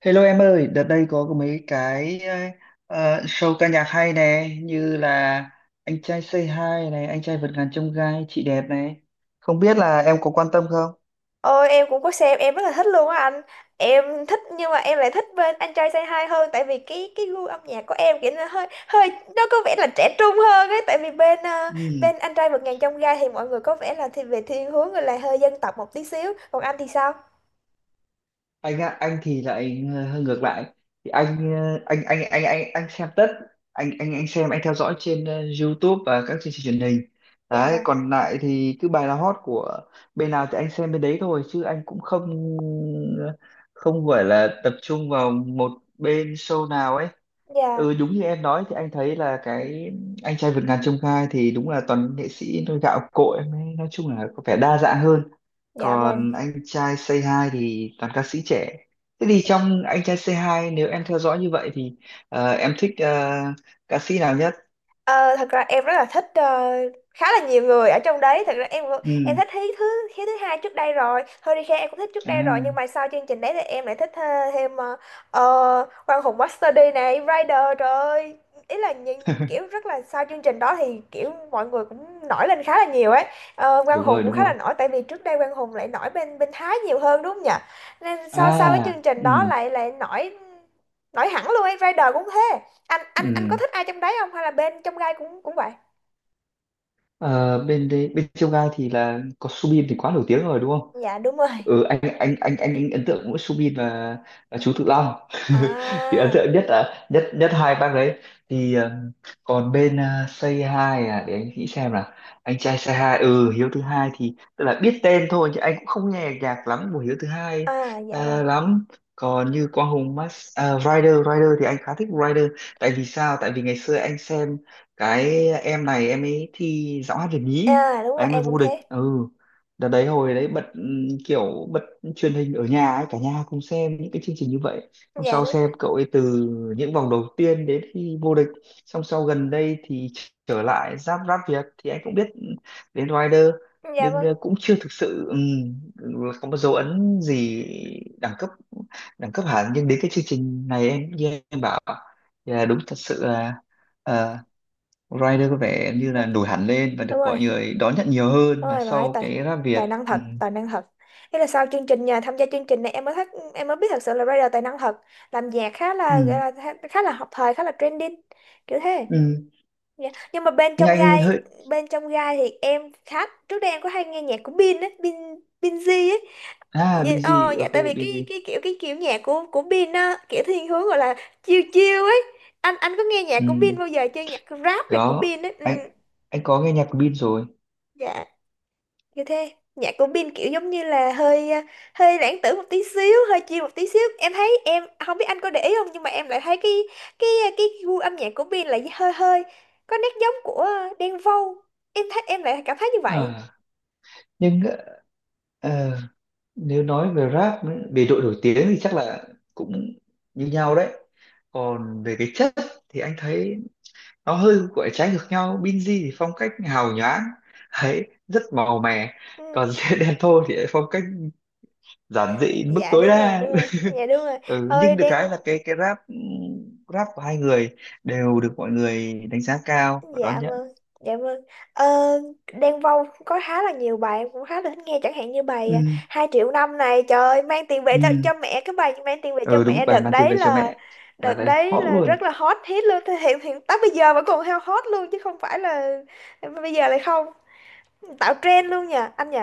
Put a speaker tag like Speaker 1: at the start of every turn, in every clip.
Speaker 1: Hello em ơi, đợt đây có mấy cái show ca nhạc hay nè, như là Anh trai Say Hi này, Anh trai vượt ngàn chông gai, Chị đẹp này. Không biết là em có quan tâm không?
Speaker 2: Ôi em cũng có xem, em rất là thích luôn á anh. Em thích nhưng mà em lại thích bên anh trai Say Hi hơn, tại vì cái gu âm nhạc của em kiểu nó hơi hơi nó có vẻ là trẻ trung hơn ấy. Tại vì bên
Speaker 1: Ừ.
Speaker 2: bên anh trai vượt ngàn chông gai thì mọi người có vẻ là thì về thiên hướng là hơi dân tộc một tí xíu. Còn anh thì sao?
Speaker 1: Anh thì lại hơi ngược lại. Thì anh xem tất. Anh theo dõi trên YouTube và các chương trình truyền hình
Speaker 2: Dạ
Speaker 1: đấy.
Speaker 2: vâng.
Speaker 1: Còn lại thì cứ bài nào hot của bên nào thì anh xem bên đấy thôi, chứ anh cũng ờ, không gọi là tập trung vào một bên show nào ấy.
Speaker 2: Dạ.
Speaker 1: Ừ, đúng như em nói thì anh thấy là cái anh trai vượt ngàn chông gai thì đúng là toàn nghệ sĩ nôi gạo cội em ấy, nói chung là có vẻ đa dạng hơn.
Speaker 2: Dạ vâng.
Speaker 1: Còn anh trai Say Hi thì toàn ca sĩ trẻ. Thế thì trong anh trai Say Hi, nếu em theo dõi như vậy thì em thích ca sĩ nào nhất?
Speaker 2: Ờ, Thật ra em rất là thích khá là nhiều người ở trong đấy. Thật ra em
Speaker 1: Ừ.
Speaker 2: thích Hiếu thứ hai trước đây rồi, Hurricane em cũng thích trước đây rồi, nhưng
Speaker 1: À.
Speaker 2: mà sau chương trình đấy thì em lại thích thêm Quang Hùng Master D này, Rider, trời ơi. Ý là những kiểu rất là sau chương trình đó thì kiểu mọi người cũng nổi lên khá là nhiều ấy. Quang
Speaker 1: Đúng
Speaker 2: Hùng
Speaker 1: rồi,
Speaker 2: cũng
Speaker 1: đúng
Speaker 2: khá là
Speaker 1: rồi.
Speaker 2: nổi, tại vì trước đây Quang Hùng lại nổi bên bên Thái nhiều hơn đúng không nhỉ? Nên
Speaker 1: À,
Speaker 2: sau sau cái chương trình
Speaker 1: ừ,
Speaker 2: đó lại lại nổi, nổi hẳn luôn ấy. Rider cũng thế. anh
Speaker 1: ừ.
Speaker 2: anh anh có thích ai trong đấy không hay là bên trong gai cũng cũng vậy?
Speaker 1: Ờ, bên đấy, bên trong gai thì là có Subin thì quá nổi tiếng rồi đúng.
Speaker 2: Dạ đúng rồi.
Speaker 1: Anh ấn tượng mỗi Subin, và chú Tự Long. Thì
Speaker 2: À.
Speaker 1: ấn tượng nhất là nhất nhất hai bác đấy. thì ờ, Còn bên Say Hi, à, để anh nghĩ xem là anh trai Say Hi, ừ, Hiếu thứ hai thì tức là biết tên thôi chứ anh cũng không nghe nhạc lắm của Hiếu thứ hai
Speaker 2: À dạ
Speaker 1: ờ,
Speaker 2: vâng.
Speaker 1: lắm còn như Quang Hùng Rider Rider thì anh khá thích Rider. Tại vì sao? Tại vì ngày xưa anh xem cái em này, em ấy thi giọng hát Việt nhí
Speaker 2: À đúng
Speaker 1: và
Speaker 2: rồi,
Speaker 1: em ấy
Speaker 2: em cũng
Speaker 1: vô địch.
Speaker 2: thế.
Speaker 1: Ừ, đợt đấy hồi đấy bật kiểu bật truyền hình ở nhà ấy, cả nhà cùng xem những cái chương trình như vậy. Xong
Speaker 2: Dạ
Speaker 1: sau
Speaker 2: đúng rồi.
Speaker 1: xem cậu ấy từ những vòng đầu tiên đến khi vô địch, xong sau gần đây thì trở lại Giáp Rap Việt thì anh cũng biết đến Rider.
Speaker 2: Dạ
Speaker 1: Nhưng
Speaker 2: vâng.
Speaker 1: cũng chưa thực sự có một dấu ấn gì đẳng cấp đẳng cấp hẳn, nhưng đến cái chương trình này, em như em bảo là đúng thật sự là ờ, Rider có vẻ như
Speaker 2: Ừ,
Speaker 1: là nổi hẳn lên và
Speaker 2: đúng
Speaker 1: được
Speaker 2: rồi,
Speaker 1: mọi người đón nhận nhiều hơn
Speaker 2: đúng
Speaker 1: là
Speaker 2: rồi, bạn ấy
Speaker 1: sau
Speaker 2: tài,
Speaker 1: cái Rap Việt.
Speaker 2: tài năng
Speaker 1: Ừ.
Speaker 2: thật, tài năng thật. Thế là sau chương trình nhà tham gia chương trình này em mới thích, em mới biết thật sự là Rider tài năng thật, làm nhạc khá là gọi
Speaker 1: Ừ.
Speaker 2: là khá khá là hợp thời, khá là trending, kiểu thế.
Speaker 1: Ừ.
Speaker 2: Dạ. Nhưng mà bên trong
Speaker 1: Nhanh
Speaker 2: gai,
Speaker 1: hơi.
Speaker 2: bên trong gai thì em khá trước đây em có hay nghe nhạc của Bin á Bin Binz.
Speaker 1: À,
Speaker 2: Dạ,
Speaker 1: Busy,
Speaker 2: dạ
Speaker 1: ok
Speaker 2: tại vì cái
Speaker 1: Busy.
Speaker 2: cái kiểu cái kiểu nhạc của Bin á kiểu thiên hướng gọi là chill chill ấy. Anh có nghe nhạc
Speaker 1: Ừ.
Speaker 2: của Bin bao giờ chưa, nhạc rap này của
Speaker 1: Có,
Speaker 2: Bin ấy?
Speaker 1: anh
Speaker 2: Ừ,
Speaker 1: anh có nghe nhạc của Bin rồi.
Speaker 2: dạ. Như thế nhạc của Bin kiểu giống như là hơi à, hơi lãng tử một tí xíu, hơi chill một tí xíu, em thấy em không biết anh có để ý không, nhưng mà em lại thấy cái cái gu âm nhạc của Bin là hơi hơi có nét giống của à, Đen Vâu. Em thấy em lại cảm thấy như vậy.
Speaker 1: À, nhưng ờ, nếu nói về rap ấy, về độ nổi tiếng thì chắc là cũng như nhau đấy. Còn về cái chất thì anh thấy nó hơi gọi là trái ngược nhau. Binz thì phong cách hào nhoáng ấy, rất màu mè. Còn
Speaker 2: Ừ,
Speaker 1: Đen Vâu thì lại phong cách giản dị đến mức
Speaker 2: dạ
Speaker 1: tối
Speaker 2: đúng rồi
Speaker 1: đa.
Speaker 2: đúng rồi. Dạ đúng rồi. Ôi
Speaker 1: Nhưng được
Speaker 2: Đen.
Speaker 1: cái là rap của hai người đều được mọi người đánh giá cao và đón
Speaker 2: Dạ
Speaker 1: nhận.
Speaker 2: vâng. Dạ vâng. ờ, Đen Vâu cũng có khá là nhiều bài em cũng khá là thích nghe, chẳng hạn như bài
Speaker 1: Ừ,
Speaker 2: à, hai triệu năm này, trời ơi, mang tiền về cho,
Speaker 1: ừ.
Speaker 2: cho mẹ, cái bài mang tiền về cho
Speaker 1: Ừ, đúng,
Speaker 2: mẹ
Speaker 1: bài
Speaker 2: đợt
Speaker 1: mang tiền
Speaker 2: đấy
Speaker 1: về cho
Speaker 2: là,
Speaker 1: mẹ, bài
Speaker 2: đợt
Speaker 1: này
Speaker 2: đấy
Speaker 1: hot
Speaker 2: là rất
Speaker 1: luôn.
Speaker 2: là hot hit luôn. Thế hiện hiện tới bây giờ vẫn còn heo hot luôn chứ không phải là bây giờ lại không, tạo trend luôn nha anh nhỉ.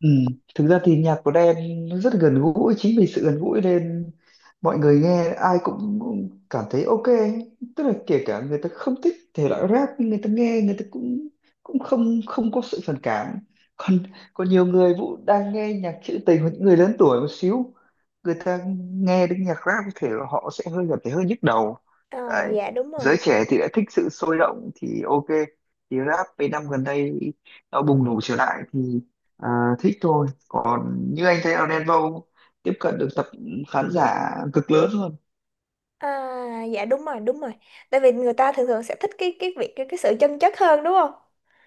Speaker 1: Ừ. Thực ra thì nhạc của Đen nó rất gần gũi, chính vì sự gần gũi nên mọi người nghe ai cũng cũng cảm thấy ok. Tức là kể cả người ta không thích thể loại rap nhưng người ta nghe, người ta cũng cũng không không có sự phản cảm. Còn còn nhiều người Vũ đang nghe nhạc trữ tình hoặc những người lớn tuổi một xíu, người ta nghe đến nhạc rap có thể là họ sẽ hơi cảm thấy hơi nhức đầu
Speaker 2: Ờ.
Speaker 1: đấy.
Speaker 2: Dạ đúng
Speaker 1: Giới
Speaker 2: rồi.
Speaker 1: trẻ thì lại thích sự sôi động thì ok, thì rap mấy năm gần đây nó bùng nổ trở lại thì. À, thích thôi, còn như anh thấy là Đen Vâu tiếp cận được tập khán giả cực lớn luôn.
Speaker 2: À dạ đúng rồi đúng rồi. Tại vì người ta thường thường sẽ thích cái việc cái sự chân chất hơn đúng không.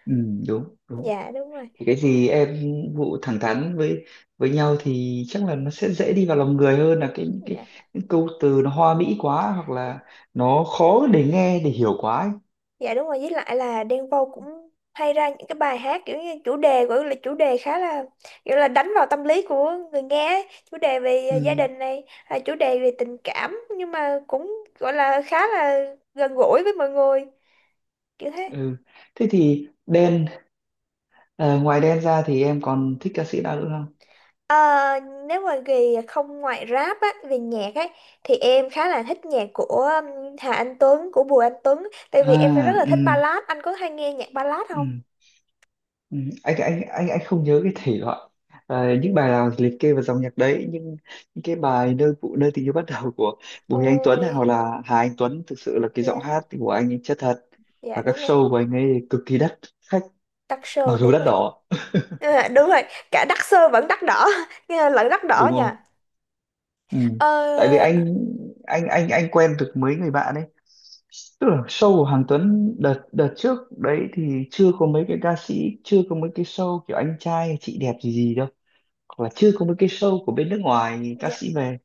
Speaker 1: Ừ, đúng, đúng.
Speaker 2: Dạ đúng rồi.
Speaker 1: Thì cái gì em vụ thẳng thắn với nhau thì chắc là nó sẽ dễ đi vào lòng người hơn là
Speaker 2: Dạ.
Speaker 1: những câu từ nó hoa mỹ quá hoặc là nó khó để nghe để hiểu quá ấy.
Speaker 2: Dạ đúng rồi, với lại là Đen Vâu cũng hay ra những cái bài hát kiểu như chủ đề gọi là chủ đề khá là kiểu là đánh vào tâm lý của người nghe ấy. Chủ đề về gia
Speaker 1: Ừ,
Speaker 2: đình này, à, chủ đề về tình cảm nhưng mà cũng gọi là khá là gần gũi với mọi người, kiểu thế.
Speaker 1: ừ. Thế thì Đen, à, ngoài Đen ra thì em còn thích ca sĩ nào nữa không?
Speaker 2: Ờ, Nếu mà về không ngoại rap á về nhạc ấy thì em khá là thích nhạc của Hà Anh Tuấn, của Bùi Anh Tuấn, tại
Speaker 1: À,
Speaker 2: vì em rất là
Speaker 1: ừ,
Speaker 2: thích ballad. Anh có hay nghe nhạc ballad không?
Speaker 1: ừ. Ừ, anh không nhớ cái thể loại, à, những bài nào liệt kê vào dòng nhạc đấy, nhưng những cái bài nơi tình yêu bắt đầu của Bùi Anh Tuấn
Speaker 2: Ôi.
Speaker 1: này hoặc là Hà Anh Tuấn, thực sự là cái giọng
Speaker 2: Dạ.
Speaker 1: hát của anh ấy chất thật,
Speaker 2: Dạ
Speaker 1: và các
Speaker 2: đúng rồi.
Speaker 1: show của anh ấy cực kỳ đắt khách,
Speaker 2: Tắc
Speaker 1: mặc
Speaker 2: sơ
Speaker 1: dù
Speaker 2: đúng
Speaker 1: đắt
Speaker 2: rồi.
Speaker 1: đỏ
Speaker 2: À, đúng rồi, cả đắt xơ vẫn đắt đỏ nghe lẫn đắt đỏ
Speaker 1: đúng không.
Speaker 2: nha.
Speaker 1: Ừ. Tại vì
Speaker 2: Ờ.
Speaker 1: anh quen được mấy người bạn ấy, tức là show của Hoàng Tuấn đợt đợt trước đấy thì chưa có mấy cái ca sĩ, chưa có mấy cái show kiểu anh trai chị đẹp gì gì đâu, hoặc là chưa có mấy cái show của bên nước ngoài ca
Speaker 2: Dạ.
Speaker 1: sĩ về.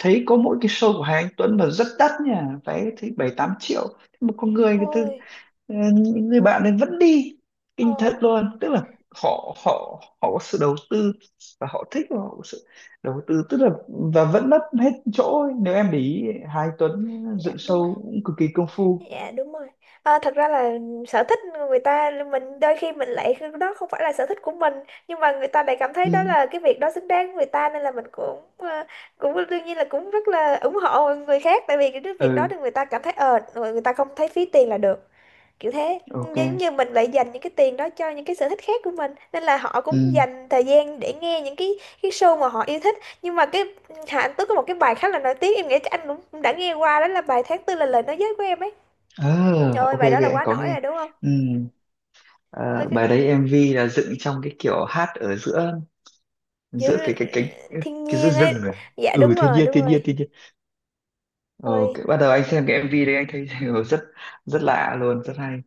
Speaker 1: Thấy có mỗi cái show của Hà Anh Tuấn mà rất đắt nha, vé thấy 7-8 triệu. Thế mà con người người ta,
Speaker 2: Ôi.
Speaker 1: những người bạn này vẫn đi,
Speaker 2: Ờ.
Speaker 1: kinh thật luôn. Tức là họ họ họ có sự đầu tư, và họ thích và họ có sự đầu tư, tức là và vẫn mất hết chỗ ấy. Nếu em để ý, Hà Anh Tuấn
Speaker 2: Dạ
Speaker 1: dựng
Speaker 2: đúng rồi.
Speaker 1: show cũng cực kỳ công phu.
Speaker 2: Dạ đúng rồi. Thật ra là sở thích người ta, mình đôi khi mình lại, đó không phải là sở thích của mình nhưng mà người ta lại cảm thấy
Speaker 1: Ừ,
Speaker 2: đó là cái việc đó xứng đáng với người ta, nên là mình cũng cũng đương nhiên là cũng rất là ủng hộ người khác, tại vì cái việc đó
Speaker 1: ừ,
Speaker 2: thì người ta cảm thấy ờ người ta không thấy phí tiền là được, kiểu thế.
Speaker 1: ok,
Speaker 2: Giống như mình lại dành những cái tiền đó cho những cái sở thích khác của mình, nên là họ cũng
Speaker 1: ừ.
Speaker 2: dành thời gian để nghe những cái show mà họ yêu thích. Nhưng mà cái Hà Anh Tuấn có một cái bài khá là nổi tiếng, em nghĩ chắc anh cũng cũng đã nghe qua, đó là bài tháng tư là lời nói dối của em ấy. Trời
Speaker 1: À,
Speaker 2: ơi
Speaker 1: ok,
Speaker 2: bài đó
Speaker 1: ok,
Speaker 2: là
Speaker 1: anh
Speaker 2: quá
Speaker 1: có
Speaker 2: nổi
Speaker 1: nghe.
Speaker 2: rồi đúng không?
Speaker 1: Ừ.
Speaker 2: Ôi
Speaker 1: Ờ,
Speaker 2: cái
Speaker 1: bài đấy MV là dựng trong cái kiểu hát ở giữa
Speaker 2: giữa
Speaker 1: giữa
Speaker 2: thiên
Speaker 1: cái giữa
Speaker 2: nhiên
Speaker 1: rừng
Speaker 2: ấy.
Speaker 1: rồi.
Speaker 2: Dạ
Speaker 1: Ừ,
Speaker 2: đúng
Speaker 1: thiên
Speaker 2: rồi
Speaker 1: nhiên,
Speaker 2: đúng
Speaker 1: thiên nhiên,
Speaker 2: rồi.
Speaker 1: thiên nhiên.
Speaker 2: Thôi
Speaker 1: Bắt đầu anh xem cái MV đấy anh thấy rất rất lạ luôn, rất hay.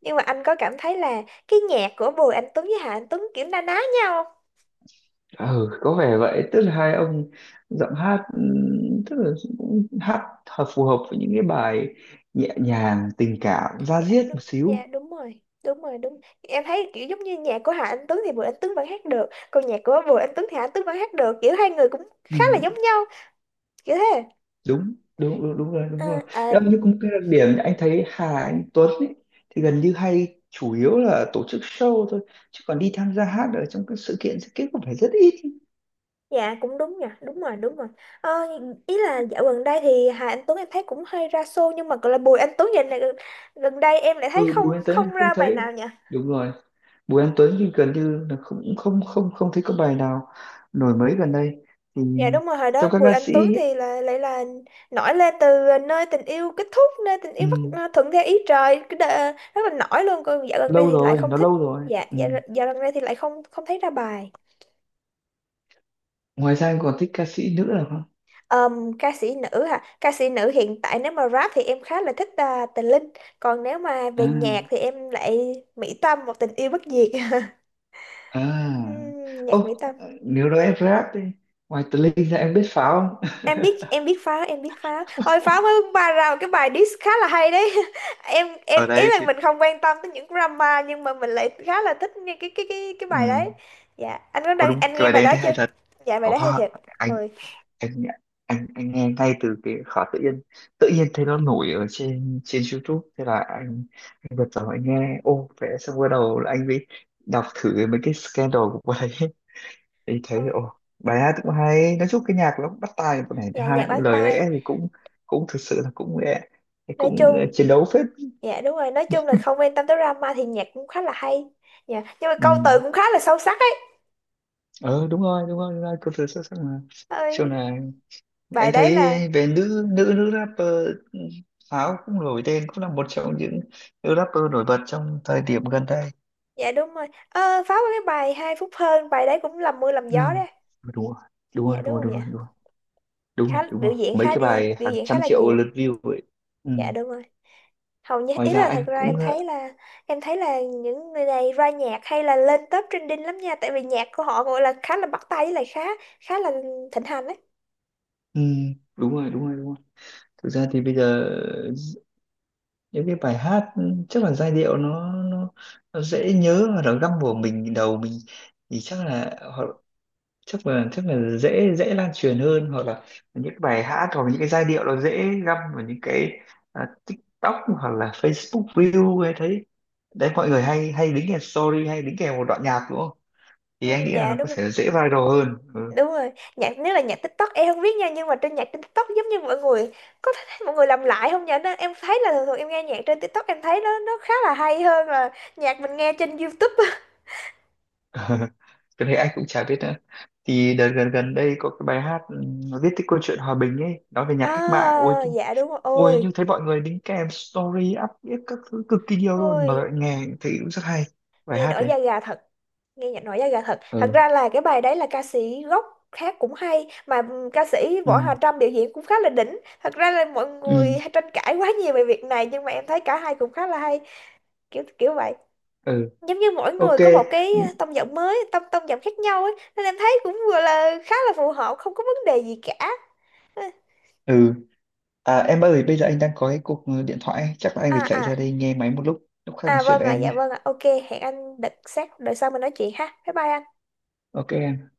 Speaker 2: nhưng mà anh có cảm thấy là cái nhạc của Bùi Anh Tuấn với Hà Anh Tuấn kiểu na ná nhau?
Speaker 1: Ừ, có vẻ vậy, tức là hai ông giọng hát tức là cũng hát phù hợp với những cái bài nhẹ nhàng tình cảm da
Speaker 2: Dạ
Speaker 1: diết
Speaker 2: đúng,
Speaker 1: một xíu.
Speaker 2: dạ đúng rồi, đúng rồi, đúng, em thấy kiểu giống như nhạc của Hà Anh Tuấn thì Bùi Anh Tuấn vẫn hát được, còn nhạc của Bùi Anh Tuấn thì Hà Anh Tuấn vẫn hát được, kiểu hai người cũng
Speaker 1: Ừ.
Speaker 2: khá là giống nhau, kiểu thế.
Speaker 1: Đúng, đúng, đúng, đúng rồi, đúng rồi.
Speaker 2: À, à.
Speaker 1: Em như cũng cái đặc điểm anh thấy Hà Anh Tuấn ấy, thì gần như hay chủ yếu là tổ chức show thôi, chứ còn đi tham gia hát ở trong các sự kiện cũng phải rất ít.
Speaker 2: Dạ cũng đúng nhỉ, đúng rồi đúng rồi. Ờ, Ý là dạo gần đây thì Hà Anh Tuấn em thấy cũng hơi ra xô, nhưng mà gọi là Bùi Anh Tuấn dạo này gần gần đây em lại thấy
Speaker 1: Ừ, Bùi
Speaker 2: không,
Speaker 1: Anh Tuấn thì
Speaker 2: không
Speaker 1: không
Speaker 2: ra bài
Speaker 1: thấy,
Speaker 2: nào nhỉ.
Speaker 1: đúng rồi, Bùi Anh Tuấn thì gần như là không không không không thấy có bài nào nổi mấy gần đây thì,
Speaker 2: Dạ đúng rồi, hồi đó
Speaker 1: trong các
Speaker 2: Bùi
Speaker 1: ca
Speaker 2: Anh
Speaker 1: sĩ
Speaker 2: Tuấn
Speaker 1: ấy,
Speaker 2: thì là lại là nổi lên từ nơi tình yêu kết thúc, nơi tình
Speaker 1: ừ,
Speaker 2: yêu bắt à, thuận theo ý trời, rất là nổi luôn. Còn dạo gần đây
Speaker 1: lâu
Speaker 2: thì lại
Speaker 1: rồi,
Speaker 2: không
Speaker 1: nó
Speaker 2: thích.
Speaker 1: lâu rồi,
Speaker 2: Dạ
Speaker 1: ừ.
Speaker 2: dạo, dạo gần đây thì lại không, không thấy ra bài.
Speaker 1: Ngoài ra anh còn thích ca sĩ nữ nào không?
Speaker 2: Ca sĩ nữ hả? Ca sĩ nữ hiện tại nếu mà rap thì em khá là thích à, Tình Linh, còn nếu mà về nhạc
Speaker 1: À,
Speaker 2: thì em lại Mỹ Tâm, một tình yêu bất diệt.
Speaker 1: à, ô,
Speaker 2: Nhạc Mỹ Tâm.
Speaker 1: nếu nói em rap đi, ngoài Tự Linh ra em biết Pháo không?
Speaker 2: Em biết, em biết pháo, em biết pháo thôi. Pháo mới ra một cái bài diss khá là hay đấy. Em
Speaker 1: Ở
Speaker 2: ý
Speaker 1: đây
Speaker 2: là
Speaker 1: thì,
Speaker 2: mình không quan tâm tới những drama nhưng mà mình lại khá là thích nghe cái bài
Speaker 1: ừ.
Speaker 2: đấy. Dạ anh có
Speaker 1: Ôi
Speaker 2: đang
Speaker 1: đúng,
Speaker 2: anh
Speaker 1: cái
Speaker 2: nghe
Speaker 1: bài
Speaker 2: bài
Speaker 1: đấy
Speaker 2: đó
Speaker 1: thấy hay
Speaker 2: chưa?
Speaker 1: thật,
Speaker 2: Dạ bài
Speaker 1: có
Speaker 2: đó hay
Speaker 1: hoa
Speaker 2: thiệt. Ôi.
Speaker 1: anh anh nghe ngay từ cái khóa tự nhiên, tự nhiên thấy nó nổi ở trên trên YouTube, thế là anh bật vào anh nghe, ô vẽ, xong bắt đầu là anh mới đọc thử mấy cái scandal của bài ấy. Thì thấy
Speaker 2: Ôi.
Speaker 1: ô bài hát cũng hay, nói chung cái nhạc nó cũng bắt tai một này, thứ
Speaker 2: Dạ
Speaker 1: hai
Speaker 2: nhạc
Speaker 1: những
Speaker 2: bắt
Speaker 1: lời
Speaker 2: tai.
Speaker 1: lẽ thì cũng cũng thực sự là cũng cũng
Speaker 2: Nói
Speaker 1: cũng ờ,
Speaker 2: chung.
Speaker 1: chiến đấu phết.
Speaker 2: Dạ đúng rồi, nói chung là không quan tâm tới drama thì nhạc cũng khá là hay. Dạ nhưng mà câu
Speaker 1: Ừ.
Speaker 2: từ cũng khá là sâu sắc ấy.
Speaker 1: Ờ đúng rồi, đúng rồi, đúng rồi, cô thử xuất sắc mà. Sau
Speaker 2: Ơi
Speaker 1: này
Speaker 2: bài
Speaker 1: anh thấy
Speaker 2: đấy là.
Speaker 1: về nữ nữ nữ rapper, Pháo cũng nổi tên cũng là một trong những nữ rapper nổi bật trong thời điểm gần đây.
Speaker 2: Dạ đúng rồi. Ờ pháo có cái bài hai phút hơn, bài đấy cũng làm mưa làm gió
Speaker 1: Ừ.
Speaker 2: đấy.
Speaker 1: Đúng rồi, đúng
Speaker 2: Dạ
Speaker 1: rồi,
Speaker 2: đúng
Speaker 1: đúng rồi,
Speaker 2: không
Speaker 1: đúng
Speaker 2: nhỉ?
Speaker 1: rồi, đúng rồi, đúng
Speaker 2: Khá
Speaker 1: rồi, đúng
Speaker 2: biểu
Speaker 1: rồi,
Speaker 2: diễn
Speaker 1: mấy
Speaker 2: khá
Speaker 1: cái
Speaker 2: đi
Speaker 1: bài
Speaker 2: biểu
Speaker 1: hàng
Speaker 2: diễn khá
Speaker 1: trăm
Speaker 2: là
Speaker 1: triệu
Speaker 2: nhiều.
Speaker 1: lượt view ấy. Ừ.
Speaker 2: Dạ đúng rồi. Hầu như
Speaker 1: Ngoài
Speaker 2: ý
Speaker 1: ra
Speaker 2: là thật
Speaker 1: anh
Speaker 2: ra
Speaker 1: cũng
Speaker 2: em thấy là những người này ra nhạc hay là lên top trending lắm nha, tại vì nhạc của họ gọi là khá là bắt tai với lại khá, khá là thịnh hành đấy.
Speaker 1: ừ. Đúng rồi, đúng rồi, đúng rồi. Thực ra thì bây giờ những cái bài hát chắc là giai điệu nó dễ nhớ và nó găm vào đầu mình thì chắc là dễ dễ lan truyền hơn. Hoặc là những bài hát, hoặc những cái giai điệu nó dễ găm vào những cái, à, TikTok hoặc là Facebook Reel hay thấy đấy, mọi người hay hay đính kèm story hay đính kèm một đoạn nhạc đúng không, thì
Speaker 2: Ừ,
Speaker 1: anh nghĩ là
Speaker 2: dạ
Speaker 1: nó
Speaker 2: đúng
Speaker 1: có
Speaker 2: rồi
Speaker 1: thể dễ viral hơn. Ừ.
Speaker 2: đúng rồi. Nhạc nếu là nhạc TikTok em không biết nha, nhưng mà trên nhạc trên TikTok giống như mọi người có thấy mọi người làm lại không nhỉ? Nó- em thấy là thường thường em nghe nhạc trên TikTok em thấy nó khá là hay hơn là nhạc mình nghe trên YouTube.
Speaker 1: Cái này anh cũng chả biết nữa. Thì đợt gần gần đây có cái bài hát nó viết cái câu chuyện hòa bình ấy, nói về
Speaker 2: À
Speaker 1: nhạc cách mạng ôi
Speaker 2: dạ đúng rồi.
Speaker 1: ôi, nhưng
Speaker 2: Ôi.
Speaker 1: thấy mọi người đính kèm story up viết các thứ cực kỳ nhiều luôn,
Speaker 2: Ôi
Speaker 1: mà nghe thấy cũng rất hay bài
Speaker 2: nghe
Speaker 1: hát
Speaker 2: nổi
Speaker 1: đấy.
Speaker 2: da gà thật, nghe nhạc nổi da gà thật. Thật
Speaker 1: Ừ,
Speaker 2: ra là cái bài đấy là ca sĩ gốc khác cũng hay mà, ca sĩ Võ
Speaker 1: ừ,
Speaker 2: Hà Trâm biểu diễn cũng khá là đỉnh. Thật ra là mọi
Speaker 1: ừ,
Speaker 2: người hay tranh cãi quá nhiều về việc này nhưng mà em thấy cả hai cũng khá là hay, kiểu kiểu vậy.
Speaker 1: ừ,
Speaker 2: Giống như mỗi
Speaker 1: ok,
Speaker 2: người có một cái tông giọng khác nhau ấy, nên em thấy cũng vừa là khá là phù hợp, không có vấn đề gì cả.
Speaker 1: ừ. À, em ơi, bây giờ anh đang có cái cuộc điện thoại, chắc là anh
Speaker 2: À.
Speaker 1: phải chạy ra
Speaker 2: À.
Speaker 1: đây nghe máy một lúc, lúc khác nói
Speaker 2: À
Speaker 1: chuyện
Speaker 2: vâng
Speaker 1: với
Speaker 2: ạ.
Speaker 1: em nhé.
Speaker 2: Dạ vâng ạ. OK. Hẹn anh đợt sát đợi sau mình nói chuyện ha. Bye bye anh.
Speaker 1: Ok em.